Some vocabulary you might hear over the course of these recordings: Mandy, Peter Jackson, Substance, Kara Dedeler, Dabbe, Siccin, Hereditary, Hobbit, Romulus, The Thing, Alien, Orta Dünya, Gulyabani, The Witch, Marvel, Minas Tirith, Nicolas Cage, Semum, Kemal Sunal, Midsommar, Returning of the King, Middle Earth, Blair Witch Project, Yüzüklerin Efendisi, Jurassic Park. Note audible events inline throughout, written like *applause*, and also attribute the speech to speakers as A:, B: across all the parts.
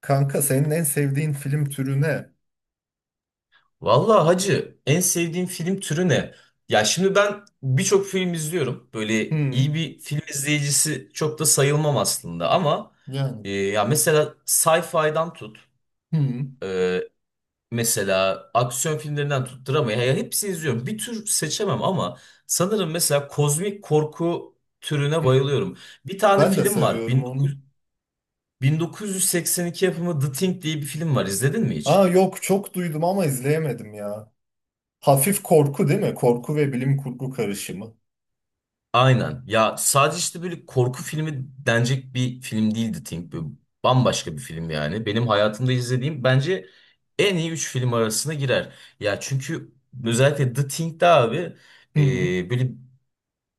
A: Kanka senin en sevdiğin film türü ne?
B: Vallahi hacı en sevdiğin film türü ne? Ya şimdi ben birçok film izliyorum. Böyle iyi
A: Hmm,
B: bir film izleyicisi çok da sayılmam aslında ama
A: yani.
B: ya mesela sci-fi'dan tut,
A: Hmm,
B: e, mesela aksiyon filmlerinden tut, drama ya hepsini izliyorum. Bir tür seçemem ama sanırım mesela kozmik korku türüne
A: hmm.
B: bayılıyorum. Bir tane
A: Ben de
B: film var.
A: seviyorum onu.
B: 1900 1982 yapımı The Thing diye bir film var. İzledin mi
A: Aa,
B: hiç?
A: yok, çok duydum ama izleyemedim ya. Hafif korku değil mi? Korku ve bilim kurgu karışımı.
B: Aynen. Ya sadece işte böyle korku filmi denecek bir film değildi Think. Böyle bambaşka bir film yani. Benim hayatımda izlediğim bence en iyi 3 film arasına girer. Ya çünkü özellikle The Thing'de abi,
A: Hmm,
B: böyle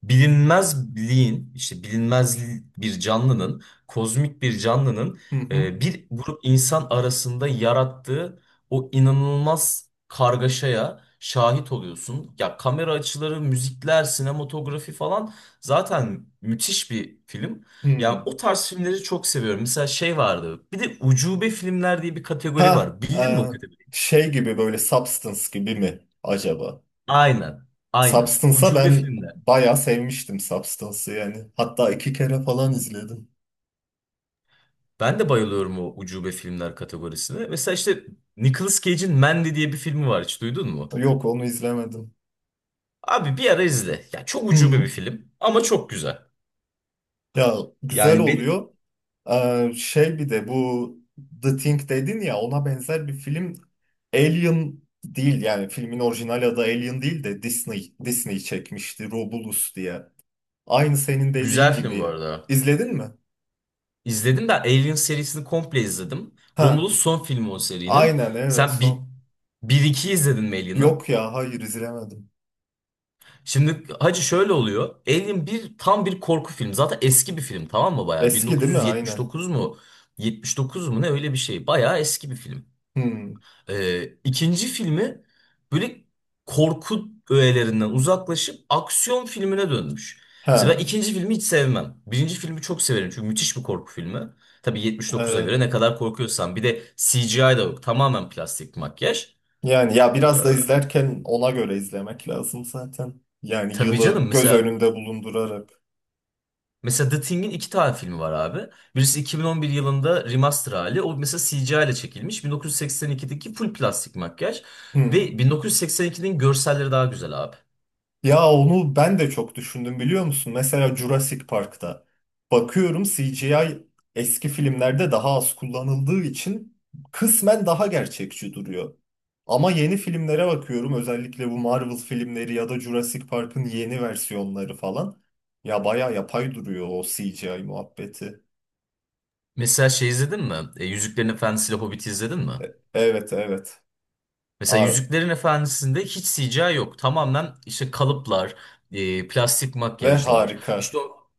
B: bilinmezliğin işte bilinmez bir canlının, kozmik bir canlının
A: hı hı,
B: bir grup insan arasında yarattığı o inanılmaz kargaşaya şahit oluyorsun. Ya kamera açıları, müzikler, sinematografi falan zaten müthiş bir film. Yani
A: hmm.
B: o tarz filmleri çok seviyorum. Mesela şey vardı. Bir de ucube filmler diye bir kategori
A: Ha,
B: var. Bildin mi o kategoriyi?
A: şey gibi böyle Substance gibi mi acaba?
B: Aynen. Aynen.
A: Substance'a
B: Ucube
A: ben
B: filmler.
A: bayağı sevmiştim, Substance'ı yani. Hatta iki kere falan izledim.
B: Ben de bayılıyorum o ucube filmler kategorisine. Mesela işte Nicolas Cage'in Mandy diye bir filmi var, hiç duydun mu?
A: Yok, onu izlemedim.
B: Abi bir ara izle. Ya çok ucube bir
A: Hı.
B: film ama çok güzel.
A: Ya, güzel
B: Yani benim
A: oluyor. Şey, bir de bu The Thing dedin ya, ona benzer bir film, Alien değil yani filmin orijinal adı, Alien değil de Disney çekmişti Romulus diye. Aynı senin dediğin
B: güzel film bu
A: gibi.
B: arada.
A: İzledin mi?
B: İzledim de Alien serisini komple izledim.
A: Ha,
B: Romulus son filmi o serinin.
A: aynen, evet,
B: Sen bir,
A: son.
B: bir iki izledin mi Alien'ı?
A: Yok ya, hayır, izlemedim.
B: Şimdi hacı şöyle oluyor. Alien bir tam bir korku filmi. Zaten eski bir film, tamam mı, bayağı?
A: Eski değil mi? Aynen.
B: 1979 mu? 79 mu, ne öyle bir şey. Bayağı eski bir film.
A: Hmm.
B: İkinci filmi böyle korku öğelerinden uzaklaşıp aksiyon filmine dönmüş. Mesela ben
A: Ha,
B: ikinci filmi hiç sevmem. Birinci filmi çok severim çünkü müthiş bir korku filmi. Tabii 79'a
A: evet.
B: göre ne kadar korkuyorsan. Bir de CGI da yok. Tamamen plastik makyaj.
A: Yani ya biraz da izlerken ona göre izlemek lazım zaten. Yani
B: Tabii canım,
A: yılı göz
B: mesela
A: önünde bulundurarak.
B: mesela The Thing'in iki tane filmi var abi. Birisi 2011 yılında remaster hali. O mesela CGI ile çekilmiş. 1982'deki full plastik makyaj. Ve
A: Hmm.
B: 1982'nin görselleri daha güzel abi.
A: Ya onu ben de çok düşündüm, biliyor musun? Mesela Jurassic Park'ta bakıyorum, CGI eski filmlerde daha az kullanıldığı için kısmen daha gerçekçi duruyor. Ama yeni filmlere bakıyorum, özellikle bu Marvel filmleri ya da Jurassic Park'ın yeni versiyonları falan. Ya bayağı yapay duruyor o CGI muhabbeti.
B: Mesela şey izledin mi? Yüzüklerin Efendisi ile Hobbit'i izledin mi?
A: Evet, evet.
B: Mesela
A: Aa,
B: Yüzüklerin Efendisi'nde hiç CGI yok. Tamamen işte kalıplar, plastik
A: ve
B: makyajlar.
A: harika.
B: İşte o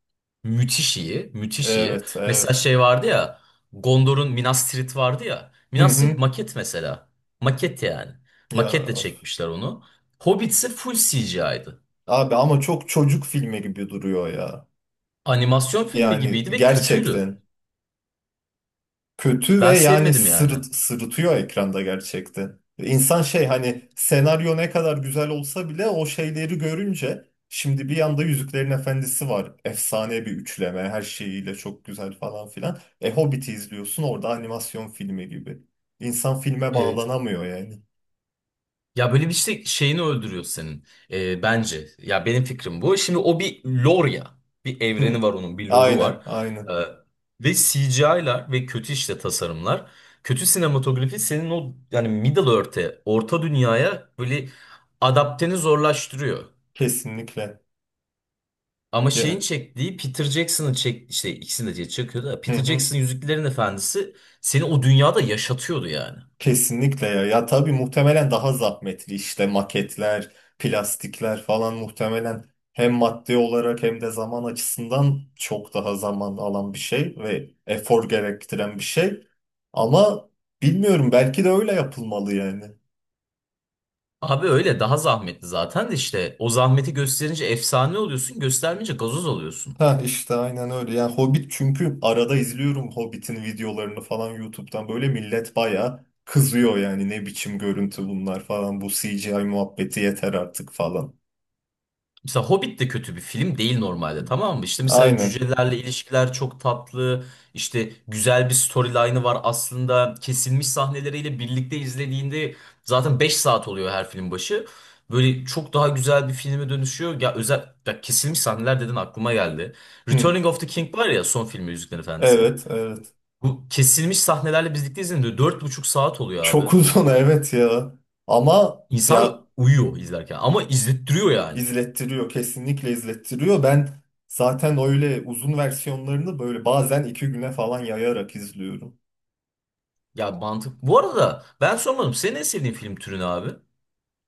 B: müthiş iyi, müthiş iyi.
A: Evet,
B: Mesela
A: evet.
B: şey vardı ya, Gondor'un Minas Tirith vardı ya.
A: Hı
B: Minas Tirith
A: hı.
B: maket mesela. Maket yani.
A: Ya
B: Maketle
A: of.
B: çekmişler onu. Hobbit ise full CGI'ydı.
A: Abi ama çok çocuk filmi gibi duruyor ya.
B: Animasyon filmi
A: Yani
B: gibiydi ve kötüydü.
A: gerçekten kötü ve
B: Ben
A: yani
B: sevmedim yani.
A: sırıtıyor ekranda gerçekten. İnsan şey, hani senaryo ne kadar güzel olsa bile o şeyleri görünce, şimdi bir yanda Yüzüklerin Efendisi var. Efsane bir üçleme, her şeyiyle çok güzel falan filan. E Hobbit'i izliyorsun, orada animasyon filmi gibi. İnsan filme
B: Evet.
A: bağlanamıyor yani.
B: Ya böyle bir işte şeyini öldürüyor senin, bence. Ya benim fikrim bu. Şimdi o bir lore ya. Bir
A: Hı.
B: evreni var onun, bir lore'u
A: Aynen
B: var. E,
A: aynen,
B: ve CGI'lar ve kötü işte tasarımlar. Kötü sinematografi senin o yani Middle Earth'e, Orta Dünya'ya böyle adapteni zorlaştırıyor.
A: kesinlikle.
B: Ama şeyin
A: Ya-
B: çektiği Peter Jackson'ın işte ikisini de çekiyor da,
A: hı
B: Peter
A: hı.
B: Jackson Yüzüklerin Efendisi seni o dünyada yaşatıyordu yani.
A: Kesinlikle ya. Ya tabii muhtemelen daha zahmetli, işte maketler, plastikler falan, muhtemelen hem maddi olarak hem de zaman açısından çok daha zaman alan bir şey ve efor gerektiren bir şey. Ama bilmiyorum, belki de öyle yapılmalı yani.
B: Abi öyle daha zahmetli zaten de, işte o zahmeti gösterince efsane oluyorsun, göstermeyince gazoz oluyorsun.
A: Ha işte aynen öyle. Yani Hobbit, çünkü arada izliyorum Hobbit'in videolarını falan YouTube'dan, böyle millet bayağı kızıyor yani, ne biçim görüntü bunlar falan, bu CGI muhabbeti yeter artık falan.
B: Mesela Hobbit de kötü bir film değil normalde, tamam mı? İşte mesela
A: Aynen.
B: cücelerle ilişkiler çok tatlı, işte güzel bir storyline'ı var aslında, kesilmiş sahneleriyle birlikte izlediğinde zaten 5 saat oluyor her film başı. Böyle çok daha güzel bir filme dönüşüyor. Ya özel ya kesilmiş sahneler dedin, aklıma geldi.
A: Hı.
B: Returning of the King var ya, son filmi Yüzüklerin Efendisi.
A: Evet, evet.
B: Bu kesilmiş sahnelerle birlikte izlediğinde 4,5 saat oluyor
A: Çok
B: abi.
A: uzun *laughs* evet ya. Ama ya
B: İnsan uyuyor izlerken ama izlettiriyor yani.
A: izlettiriyor, kesinlikle izlettiriyor. Ben zaten öyle uzun versiyonlarını böyle bazen iki güne falan yayarak izliyorum.
B: Ya mantık. Bu arada ben sormadım. Senin en sevdiğin film türü ne abi?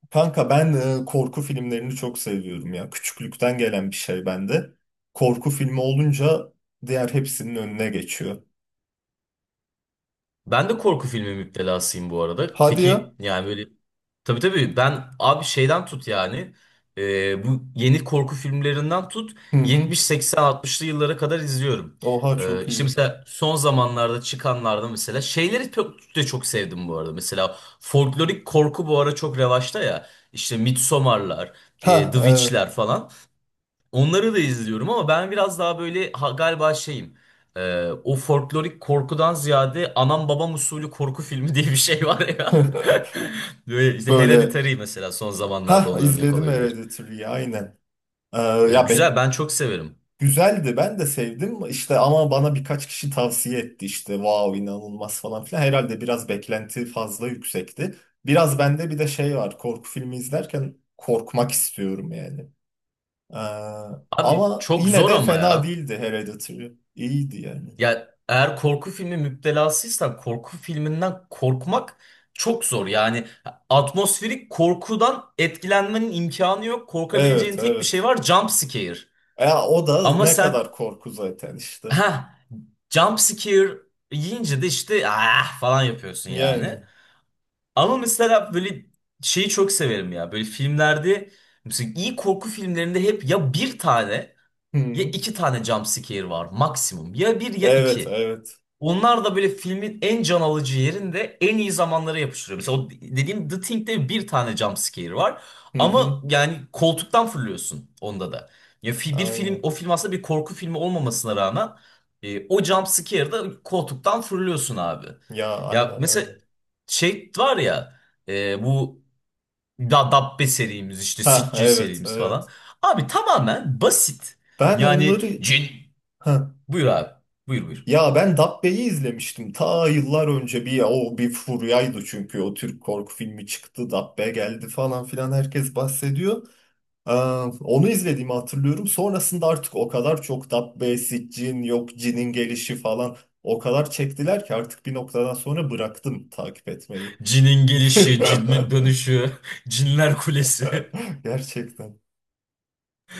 A: Kanka ben korku filmlerini çok seviyorum ya. Küçüklükten gelen bir şey bende. Korku filmi olunca diğer hepsinin önüne geçiyor.
B: Ben de korku filmi müptelasıyım bu arada.
A: Hadi ya.
B: Peki yani böyle, tabii tabii, ben abi şeyden tut yani, bu yeni korku filmlerinden tut
A: Hı hı.
B: 70 80 60'lı yıllara kadar izliyorum.
A: Oha,
B: E,
A: çok
B: işte
A: iyi.
B: mesela son zamanlarda çıkanlarda mesela şeyleri çok, de çok sevdim bu arada. Mesela folklorik korku bu ara çok revaçta ya. İşte Midsommar'lar,
A: Ha,
B: The
A: evet.
B: Witch'ler falan. Onları da izliyorum ama ben biraz daha böyle galiba şeyim. O folklorik korkudan ziyade anam babam usulü korku filmi diye bir şey var ya. *laughs*
A: *laughs*
B: Böyle işte
A: Böyle
B: Hereditary mesela son zamanlarda
A: ha,
B: ona örnek
A: izledim
B: olabilir.
A: Hereditary'yi, aynen. Ee,
B: Ve
A: ya
B: güzel, ben çok severim.
A: güzeldi, ben de sevdim işte, ama bana birkaç kişi tavsiye etti, işte wow, inanılmaz falan filan, herhalde biraz beklenti fazla yüksekti. Biraz bende bir de şey var, korku filmi izlerken korkmak istiyorum yani. Ee,
B: Abi
A: ama
B: çok
A: yine
B: zor
A: de
B: ama
A: fena
B: ya.
A: değildi Hereditary. İyiydi yani.
B: Ya eğer korku filmi müptelasıysan korku filminden korkmak çok zor. Yani atmosferik korkudan etkilenmenin imkanı yok. Korkabileceğin
A: Evet,
B: tek bir şey
A: evet.
B: var, jump scare.
A: Ya o da
B: Ama
A: ne
B: sen
A: kadar korku zaten işte.
B: ha. jump scare yiyince de işte ah falan yapıyorsun
A: Yani.
B: yani. Ama mesela böyle şeyi çok severim ya. Böyle filmlerde, mesela iyi korku filmlerinde, hep ya bir tane ya
A: Hı.
B: iki tane jump scare var maksimum. Ya bir ya
A: Evet,
B: iki.
A: evet.
B: Onlar da böyle filmin en can alıcı yerinde en iyi zamanlara yapıştırıyor. Mesela o dediğim The Thing'de bir tane jump scare var.
A: Hı hı.
B: Ama yani koltuktan fırlıyorsun onda da. Ya bir film,
A: Aynen.
B: o film aslında bir korku filmi olmamasına rağmen, o jump scare'da koltuktan fırlıyorsun abi.
A: Ya
B: Ya
A: aynen
B: mesela
A: öyle.
B: şey var ya, bu da Dabbe serimiz, işte
A: Ha,
B: Siccin
A: evet,
B: serimiz falan.
A: evet.
B: Abi tamamen basit.
A: Ben
B: Yani
A: onları
B: cin,
A: *laughs*
B: buyur abi, buyur buyur.
A: ya ben Dabbe'yi izlemiştim ta yıllar önce, bir o bir furyaydı çünkü, o Türk korku filmi çıktı, Dabbe geldi falan filan, herkes bahsediyor. Ee, onu izlediğimi hatırlıyorum. Sonrasında artık o kadar çok Dabbe, Siccin, yok Cin'in gelişi falan, o kadar çektiler ki artık bir noktadan sonra bıraktım takip etmeyi.
B: Cinin
A: *laughs*
B: gelişi, cinin dönüşü, *laughs* cinler kulesi. *laughs*
A: Gerçekten.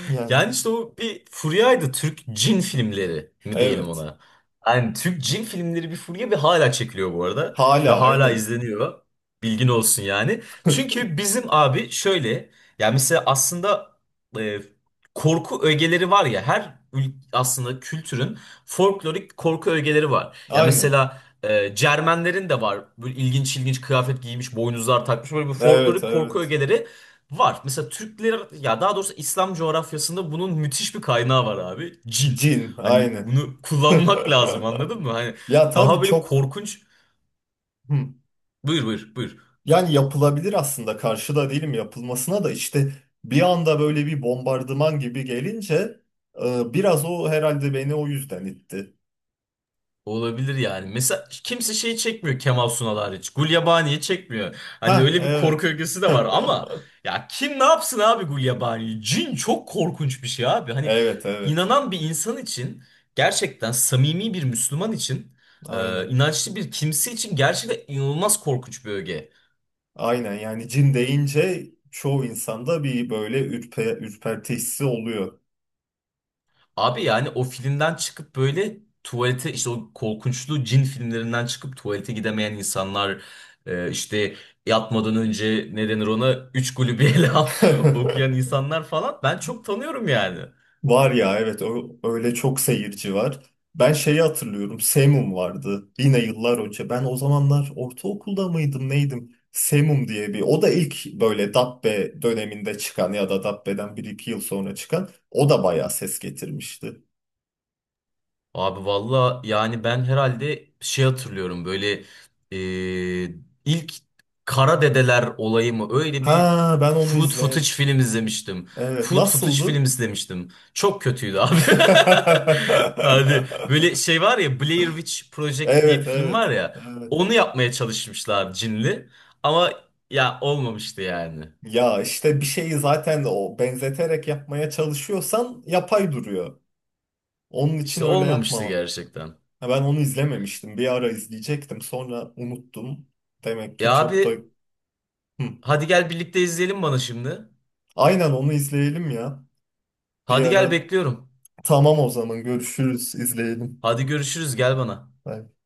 A: Yani
B: Yani işte o bir furyaydı. Türk cin filmleri mi diyelim
A: evet.
B: ona. Yani Türk cin filmleri bir furya ve hala çekiliyor bu arada. Ve
A: Hala,
B: hala
A: aynen.
B: izleniyor. Bilgin olsun yani. Çünkü bizim abi şöyle. Yani mesela aslında e, korku ögeleri var ya. Her aslında kültürün folklorik korku ögeleri var. Ya
A: Aynen.
B: mesela Cermenlerin de var. Böyle ilginç ilginç kıyafet giymiş, boynuzlar takmış. Böyle bir
A: Evet,
B: folklorik korku
A: evet.
B: ögeleri var. Mesela Türkler, ya daha doğrusu İslam coğrafyasında bunun müthiş bir kaynağı var abi. Cin.
A: Cin,
B: Hani
A: aynen.
B: bunu kullanmak lazım,
A: *laughs*
B: anladın mı? Hani
A: Ya tabii,
B: daha böyle
A: çok.
B: korkunç.
A: Hı.
B: Buyur buyur buyur.
A: Yani yapılabilir aslında, karşıda değilim yapılmasına da, işte bir anda böyle bir bombardıman gibi gelince biraz o herhalde beni o yüzden itti.
B: Olabilir yani. Mesela kimse şey çekmiyor, Kemal Sunal hariç. Gulyabani'yi çekmiyor. Hani
A: Ha,
B: öyle bir
A: evet.
B: korku ögesi de var ama
A: *laughs*
B: ya kim ne yapsın abi Gulyabani'yi? Cin çok korkunç bir şey abi. Hani
A: Evet, evet.
B: inanan bir insan için, gerçekten samimi bir Müslüman için,
A: Aynen.
B: inançlı bir kimse için gerçekten inanılmaz korkunç bir öge.
A: Aynen, yani cin deyince çoğu insanda bir böyle ürperti hissi oluyor.
B: Abi yani o filmden çıkıp böyle tuvalete, işte o korkunçlu cin filmlerinden çıkıp tuvalete gidemeyen insanlar, işte yatmadan önce ne denir ona, üç kulübü *laughs* ele al okuyan
A: *laughs*
B: insanlar falan ben çok tanıyorum yani.
A: Var ya, evet, o öyle, çok seyirci var. Ben şeyi hatırlıyorum. Semum vardı. Yine yıllar önce. Ben o zamanlar ortaokulda mıydım neydim? Semum diye bir. O da ilk böyle Dabbe döneminde çıkan ya da Dabbe'den bir iki yıl sonra çıkan. O da bayağı ses getirmişti.
B: Abi valla yani ben herhalde şey hatırlıyorum, böyle e, ilk Kara Dedeler olayı mı, öyle bir
A: Ha, ben onu
B: food footage
A: izleyen.
B: film izlemiştim.
A: Evet,
B: Food footage
A: nasıldı?
B: film izlemiştim. Çok kötüydü abi. *laughs* Hadi böyle
A: *laughs*
B: şey var ya, Blair Witch Project diye bir
A: Evet,
B: film var
A: evet.
B: ya,
A: Evet.
B: onu yapmaya çalışmışlar cinli ama ya olmamıştı yani.
A: Ya işte bir şeyi zaten o benzeterek yapmaya çalışıyorsan yapay duruyor. Onun için
B: İşte
A: öyle
B: olmamıştı
A: yapma.
B: gerçekten.
A: Ha, ben onu izlememiştim. Bir ara izleyecektim. Sonra unuttum. Demek ki
B: Ya
A: çok da...
B: abi
A: Hı.
B: hadi gel birlikte izleyelim bana şimdi.
A: Aynen, onu izleyelim ya. Bir
B: Hadi gel
A: ara.
B: bekliyorum.
A: Tamam, o zaman görüşürüz. İzleyelim.
B: Hadi görüşürüz, gel bana.
A: Bye.